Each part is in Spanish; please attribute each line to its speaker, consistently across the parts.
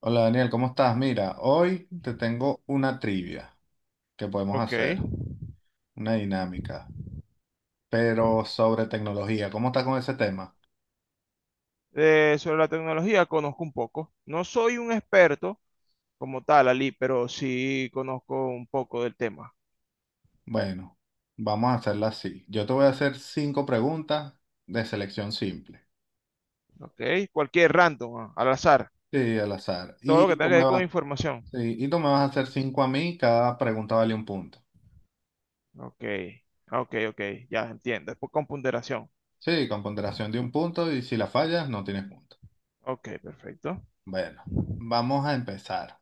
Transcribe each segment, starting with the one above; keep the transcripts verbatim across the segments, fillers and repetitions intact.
Speaker 1: Hola Daniel, ¿cómo estás? Mira, hoy te tengo una trivia que podemos
Speaker 2: Ok.
Speaker 1: hacer, una dinámica, pero sobre tecnología. ¿Cómo estás con ese tema?
Speaker 2: Eh, sobre la tecnología conozco un poco. No soy un experto como tal, Ali, pero sí conozco un poco del tema.
Speaker 1: Bueno, vamos a hacerla así. Yo te voy a hacer cinco preguntas de selección simple,
Speaker 2: Ok. Cualquier random, ah, al azar.
Speaker 1: sí, al azar.
Speaker 2: Todo lo que
Speaker 1: Y tú
Speaker 2: tenga que
Speaker 1: me
Speaker 2: ver con
Speaker 1: vas,
Speaker 2: información.
Speaker 1: sí, y tú me vas a hacer cinco a mí, cada pregunta vale un punto.
Speaker 2: Ok. Ah, Ok, ok. Ya entiendo. Es por- con ponderación.
Speaker 1: Sí, con ponderación de un punto y si la fallas no tienes punto.
Speaker 2: Ok, perfecto.
Speaker 1: Bueno, vamos a empezar.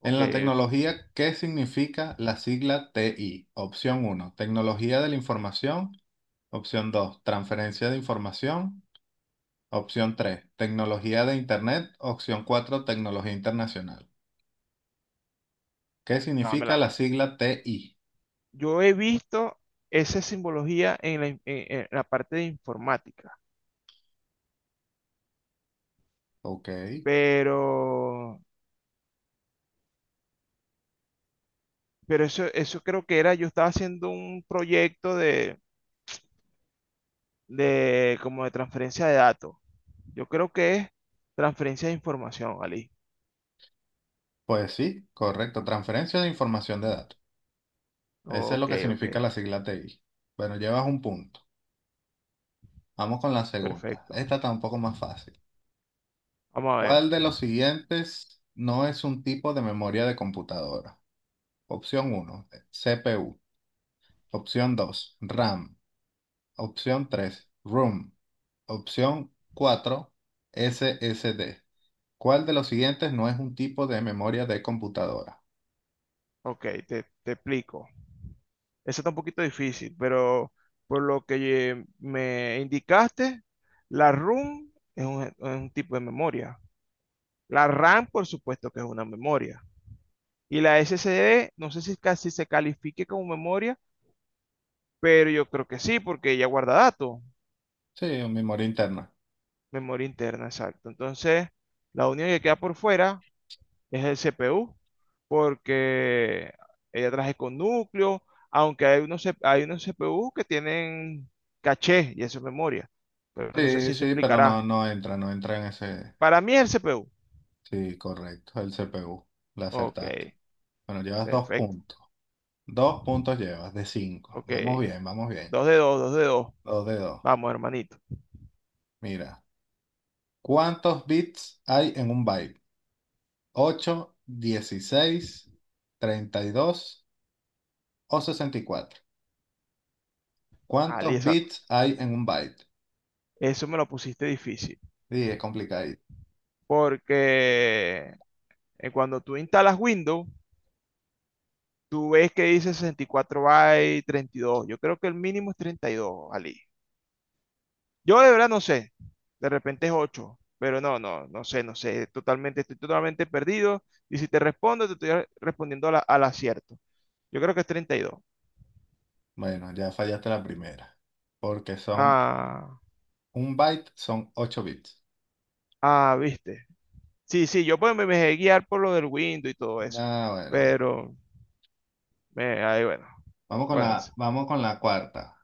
Speaker 2: Ok,
Speaker 1: En la tecnología, ¿qué significa la sigla T I? Opción uno, tecnología de la información. Opción dos, transferencia de información. Opción tres, tecnología de Internet. Opción cuatro, tecnología internacional. ¿Qué significa
Speaker 2: dámela.
Speaker 1: la sigla T I?
Speaker 2: Yo he visto esa simbología en la, in- en- en la parte de informática,
Speaker 1: Ok,
Speaker 2: pero, pero eso, eso creo que era, yo estaba haciendo un proyecto de de como de transferencia de datos. Yo creo que es transferencia de información, Ali.
Speaker 1: pues sí, correcto, transferencia de información de datos. Eso es lo
Speaker 2: Ok,
Speaker 1: que
Speaker 2: ok,
Speaker 1: significa la sigla T I. Bueno, llevas un punto. Vamos con la segunda.
Speaker 2: perfecto.
Speaker 1: Esta está un poco más fácil.
Speaker 2: Vamos a ver.
Speaker 1: ¿Cuál de los siguientes no es un tipo de memoria de computadora? Opción uno, C P U. Opción dos, RAM. Opción tres, ROM. Opción cuatro, S S D. ¿Cuál de los siguientes no es un tipo de memoria de computadora?
Speaker 2: Ok, te, te explico. Eso está un poquito difícil, pero por lo que eh, me indicaste, la ROM es un, es un tipo de memoria. La RAM, por supuesto que es una memoria. Y la S S D, no sé si casi se califique como memoria, pero yo creo que sí, porque ella guarda datos.
Speaker 1: Sí, memoria interna.
Speaker 2: Memoria interna, exacto. Entonces, la única que queda por fuera es el C P U, porque ella traje con núcleo, aunque hay unos, C- hay unos C P U que tienen caché y eso es memoria, pero no sé si
Speaker 1: Sí,
Speaker 2: eso
Speaker 1: sí, pero no,
Speaker 2: implicará.
Speaker 1: no entra, no entra en ese.
Speaker 2: Para mí es el C P U.
Speaker 1: Sí, correcto, el C P U. La
Speaker 2: Ok,
Speaker 1: acertaste. Bueno, llevas dos
Speaker 2: perfecto.
Speaker 1: puntos. Dos puntos llevas de cinco.
Speaker 2: Ok,
Speaker 1: Vamos bien, vamos bien.
Speaker 2: dos de dos, dos de dos.
Speaker 1: Dos de dos.
Speaker 2: Vamos, hermanito.
Speaker 1: Mira, ¿cuántos bits hay en un byte? ¿Ocho, dieciséis, treinta y dos o sesenta y cuatro?
Speaker 2: Ali,
Speaker 1: ¿Cuántos
Speaker 2: esa-
Speaker 1: bits hay en un byte?
Speaker 2: eso me lo pusiste difícil,
Speaker 1: Sí, es complicado.
Speaker 2: porque eh, cuando tú instalas Windows, tú ves que dice sesenta y cuatro bytes, treinta y dos. Yo creo que el mínimo es treinta y dos, Ali. Yo de verdad no sé. De repente es ocho. Pero no, no, no sé, no sé. Totalmente, estoy totalmente perdido. Y si te respondo, te estoy respondiendo a la- al acierto. Yo creo que es treinta y dos.
Speaker 1: Bueno, ya fallaste la primera, porque son
Speaker 2: Ah,
Speaker 1: un byte, son ocho bits.
Speaker 2: ah, viste. Sí, sí, yo pues me me dejé guiar por lo del Windows y todo eso.
Speaker 1: Ah, bueno, bueno.
Speaker 2: Pero, eh, ahí bueno.
Speaker 1: Vamos con
Speaker 2: Bueno, sí.
Speaker 1: la, vamos con la cuarta.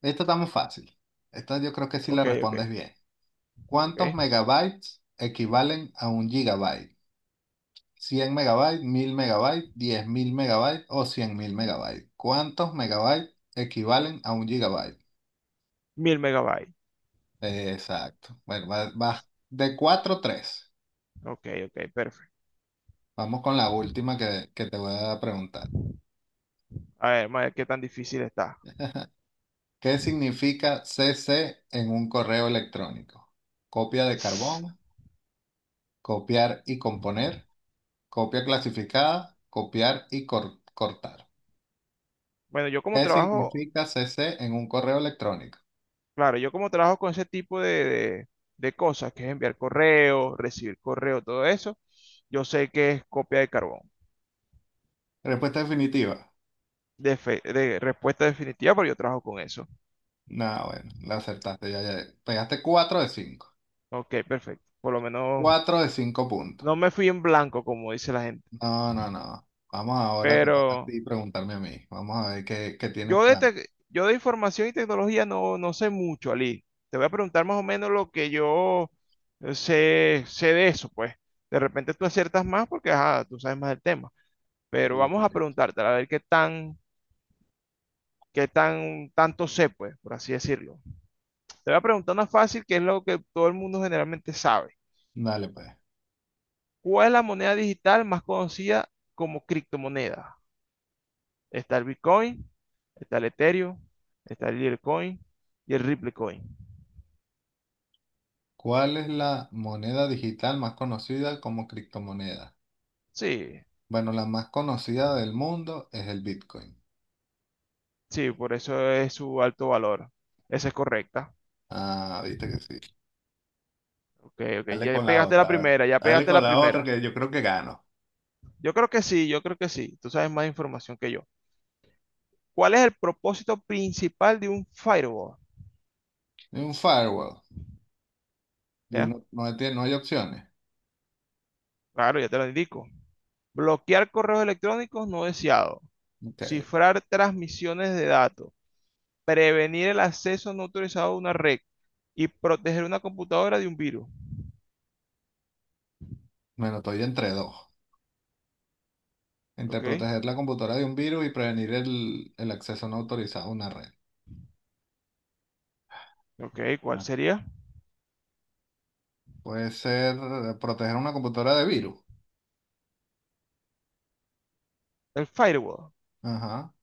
Speaker 1: Esta está muy fácil. Esta yo creo que sí la
Speaker 2: Ok,
Speaker 1: respondes
Speaker 2: ok,
Speaker 1: bien. ¿Cuántos
Speaker 2: ok.
Speaker 1: megabytes equivalen a un gigabyte? Cien megabytes, mil megabytes, diez mil megabytes o cien mil megabytes. ¿Cuántos megabytes equivalen a un gigabyte?
Speaker 2: Mil megabytes.
Speaker 1: Exacto. Bueno, vas vas de cuatro a tres.
Speaker 2: Ok, ok, perfecto.
Speaker 1: Vamos con la última que, que te voy a preguntar.
Speaker 2: A ver, vamos a ver qué tan difícil está.
Speaker 1: ¿Qué significa C C en un correo electrónico? Copia de carbón, copiar y componer, copia clasificada, copiar y cor- cortar.
Speaker 2: Bueno, yo como
Speaker 1: ¿Qué
Speaker 2: trabajo,
Speaker 1: significa C C en un correo electrónico?
Speaker 2: claro, yo como trabajo con ese tipo de, de- de cosas, que es enviar correo, recibir correo, todo eso, yo sé que es copia de carbón,
Speaker 1: Respuesta definitiva.
Speaker 2: de, fe- de respuesta definitiva, pero yo trabajo con eso.
Speaker 1: No, bueno, la acertaste, ya, ya. Pegaste cuatro de cinco,
Speaker 2: Ok, perfecto. Por lo menos
Speaker 1: cuatro de cinco puntos.
Speaker 2: no me fui en blanco, como dice la gente.
Speaker 1: No, no, no. Vamos ahora, te toca a
Speaker 2: Pero
Speaker 1: ti preguntarme a mí. Vamos a ver qué, qué tienes
Speaker 2: yo de,
Speaker 1: para mí.
Speaker 2: tec- yo de información y tecnología no, no sé mucho, Ali. Te voy a preguntar más o menos lo que yo sé, sé de eso, pues. De repente tú aciertas más porque, ajá, tú sabes más del tema. Pero
Speaker 1: Listo,
Speaker 2: vamos a
Speaker 1: listo.
Speaker 2: preguntarte a ver qué tan, qué tan, tanto sé, pues, por así decirlo. Te voy a preguntar una fácil, que es lo que todo el mundo generalmente sabe.
Speaker 1: Dale, pues.
Speaker 2: ¿Cuál es la moneda digital más conocida como criptomoneda? Está el Bitcoin, está el Ethereum, está el Litecoin y el Ripple Coin.
Speaker 1: ¿Cuál es la moneda digital más conocida como criptomoneda?
Speaker 2: Sí,
Speaker 1: Bueno, la más conocida del mundo es el Bitcoin.
Speaker 2: sí, por eso es su alto valor. Esa es correcta.
Speaker 1: Ah, viste que sí.
Speaker 2: Ok, ok,
Speaker 1: Dale
Speaker 2: ya
Speaker 1: con la
Speaker 2: pegaste la
Speaker 1: otra, a ver.
Speaker 2: primera, ya
Speaker 1: Dale
Speaker 2: pegaste
Speaker 1: con
Speaker 2: la
Speaker 1: la otra
Speaker 2: primera.
Speaker 1: que yo creo que gano.
Speaker 2: Yo creo que sí, yo creo que sí. Tú sabes más información que yo. ¿Cuál es el propósito principal de un firewall?
Speaker 1: Un firewall. Y
Speaker 2: ¿Ya?
Speaker 1: no, no, tiene- no hay opciones.
Speaker 2: Claro, ya te lo indico. Bloquear correos electrónicos no deseados.
Speaker 1: Ok.
Speaker 2: Cifrar transmisiones de datos. Prevenir el acceso no autorizado a una red. Y proteger una computadora de un virus.
Speaker 1: Bueno, estoy entre dos, entre
Speaker 2: Ok,
Speaker 1: proteger la computadora de un virus y prevenir el, el acceso no autorizado a una red.
Speaker 2: ok, ¿cuál
Speaker 1: Ah,
Speaker 2: sería?
Speaker 1: puede ser eh, proteger una computadora de virus.
Speaker 2: El firewall.
Speaker 1: Ajá.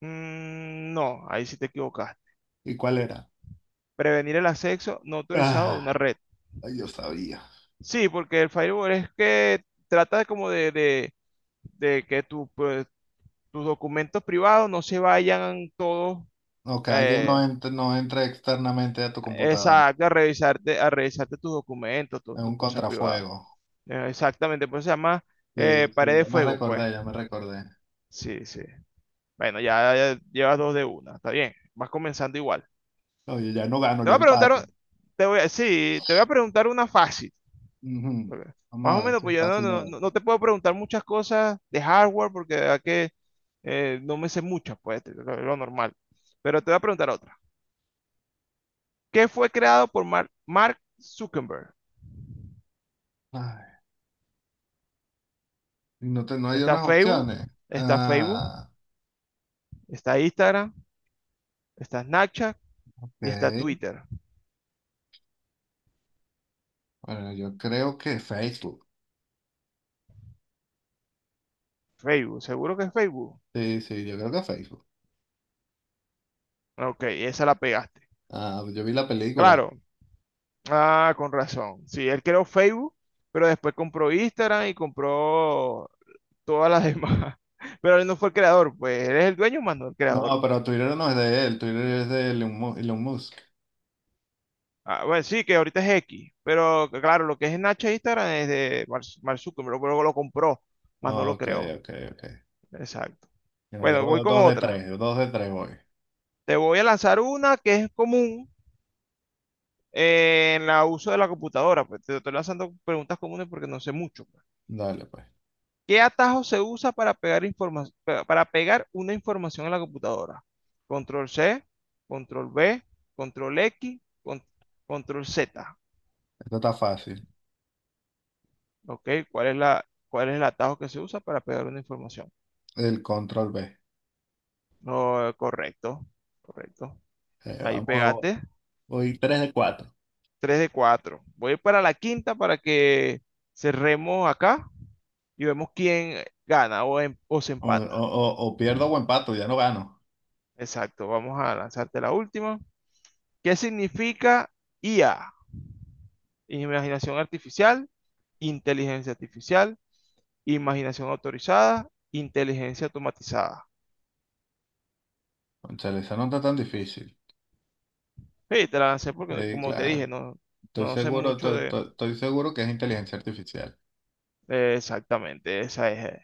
Speaker 2: Mm, no, ahí sí te equivocas.
Speaker 1: ¿Y cuál era?
Speaker 2: Prevenir el acceso no autorizado a
Speaker 1: Ah,
Speaker 2: una red.
Speaker 1: ay, yo sabía.
Speaker 2: Sí, porque el firewall es que trata como de, de, de que tu, pues, tus documentos privados no se vayan todos.
Speaker 1: No, que alguien no
Speaker 2: eh,
Speaker 1: entre, no entre externamente a tu computadora.
Speaker 2: exacto, a revisarte, a revisarte tus documentos, tu-
Speaker 1: Es
Speaker 2: tus
Speaker 1: un
Speaker 2: cosas privadas.
Speaker 1: contrafuego.
Speaker 2: Eh, exactamente, pues se llama
Speaker 1: Sí,
Speaker 2: eh,
Speaker 1: sí,
Speaker 2: pared de
Speaker 1: ya me
Speaker 2: fuego, pues.
Speaker 1: recordé, ya me recordé.
Speaker 2: Sí, sí. Bueno, ya, ya llevas dos de una, está bien. Vas comenzando igual.
Speaker 1: Oye, ya no gano,
Speaker 2: Te
Speaker 1: ya
Speaker 2: voy a preguntar,
Speaker 1: empato.
Speaker 2: o- te voy a, sí, te voy a preguntar una fácil.
Speaker 1: Ujú.
Speaker 2: Porque
Speaker 1: Vamos
Speaker 2: más
Speaker 1: a
Speaker 2: o
Speaker 1: ver
Speaker 2: menos,
Speaker 1: si es
Speaker 2: pues yo no,
Speaker 1: fácil de
Speaker 2: no- no- no
Speaker 1: ver.
Speaker 2: te puedo preguntar muchas cosas de hardware porque de verdad que eh, no me sé muchas, pues, de lo lo normal. Pero te voy a preguntar otra, que fue creado por Mark, Mark Zuckerberg.
Speaker 1: Ay, no, te, no hay
Speaker 2: Está
Speaker 1: unas
Speaker 2: Facebook,
Speaker 1: opciones.
Speaker 2: está Facebook,
Speaker 1: Ah,
Speaker 2: está Instagram, está Snapchat y está
Speaker 1: ok.
Speaker 2: Twitter.
Speaker 1: Bueno, yo creo que Facebook.
Speaker 2: Facebook, seguro que es Facebook.
Speaker 1: Sí, sí, yo creo que Facebook.
Speaker 2: Ok, esa la pegaste.
Speaker 1: Ah, yo vi la película.
Speaker 2: Claro, ah, con razón. Sí, él creó Facebook, pero después compró Instagram y compró todas las demás. Pero él no fue el creador, pues él es el dueño, más no el
Speaker 1: No,
Speaker 2: creador, pues.
Speaker 1: pero Twitter no es de él, Twitter es de Elon Mu- Elon Musk.
Speaker 2: Ah, bueno, sí, que ahorita es X, pero claro, lo que es Snapchat e Instagram es de Mark Mark Zuckerberg, pero lo compró, más no lo
Speaker 1: Ok,
Speaker 2: creó.
Speaker 1: ok, ok.
Speaker 2: Exacto.
Speaker 1: Yo
Speaker 2: Bueno, voy
Speaker 1: llevo
Speaker 2: con
Speaker 1: dos de
Speaker 2: otra.
Speaker 1: tres, dos de tres voy.
Speaker 2: Te voy a lanzar una que es común eh, en el uso de la computadora. Pues te estoy lanzando preguntas comunes porque no sé mucho, pues.
Speaker 1: Dale, pues.
Speaker 2: ¿Qué atajo se usa para pegar informa- pa- para pegar una información en la computadora? Control C, control V, control X, con- control Z.
Speaker 1: Esto está fácil.
Speaker 2: ¿Ok? ¿Cuál es la, cuál es el atajo que se usa para pegar una información?
Speaker 1: El control B.
Speaker 2: No, correcto, correcto.
Speaker 1: Eh,
Speaker 2: Ahí
Speaker 1: vamos, a-
Speaker 2: pegaste.
Speaker 1: Voy tres de cuatro.
Speaker 2: Tres de cuatro. Voy para la quinta para que cerremos acá y vemos quién gana o, em- o se
Speaker 1: O,
Speaker 2: empata.
Speaker 1: o, o, o pierdo o empato, ya no gano.
Speaker 2: Exacto, vamos a lanzarte la última. ¿Qué significa i a? Imaginación artificial, inteligencia artificial, imaginación autorizada, inteligencia automatizada.
Speaker 1: Cónchale, esa no está tan difícil.
Speaker 2: Sí, te la lancé porque,
Speaker 1: Sí,
Speaker 2: como te dije,
Speaker 1: claro.
Speaker 2: no,
Speaker 1: Estoy
Speaker 2: no sé
Speaker 1: seguro,
Speaker 2: mucho
Speaker 1: to-
Speaker 2: de,
Speaker 1: to- estoy seguro que es inteligencia artificial.
Speaker 2: de exactamente. Esa es. eh.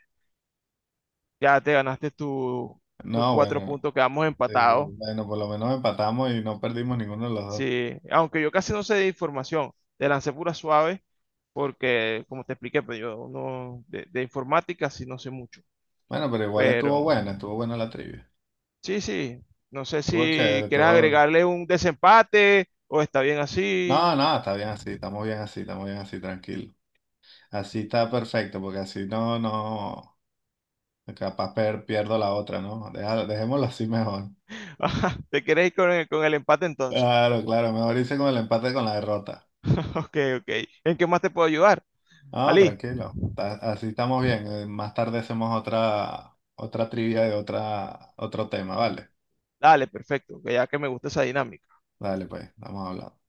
Speaker 2: Ya te ganaste tu- tus tu
Speaker 1: No,
Speaker 2: cuatro
Speaker 1: bueno,
Speaker 2: puntos, quedamos
Speaker 1: sí,
Speaker 2: empatados.
Speaker 1: bueno, por lo menos empatamos y no perdimos ninguno de los dos.
Speaker 2: Sí, aunque yo casi no sé de información, de lancé pura suave, porque como te expliqué, pues yo no, de, de informática sí no sé mucho,
Speaker 1: Bueno, pero igual estuvo
Speaker 2: pero
Speaker 1: buena, estuvo buena la trivia.
Speaker 2: sí, sí, no sé
Speaker 1: Estuvo chévere,
Speaker 2: si quieres
Speaker 1: estuvo...
Speaker 2: agregarle un desempate o está bien así.
Speaker 1: No, no, está bien así, estamos bien así, estamos bien así, tranquilo. Así está perfecto, porque así no, no, capaz per- pierdo la otra, ¿no? Déjalo- dejémoslo así mejor.
Speaker 2: Ajá, te quieres ir con el, con el empate entonces.
Speaker 1: Claro, claro, mejor hice con el empate que con la derrota.
Speaker 2: Ok, ok, ¿en qué más te puedo ayudar?
Speaker 1: No,
Speaker 2: Ali,
Speaker 1: tranquilo, ta- así estamos bien. eh, Más tarde hacemos otra, otra trivia de otra, otro tema, ¿vale?
Speaker 2: dale, perfecto, que ya que me gusta esa dinámica.
Speaker 1: Dale, pues, vamos hablando.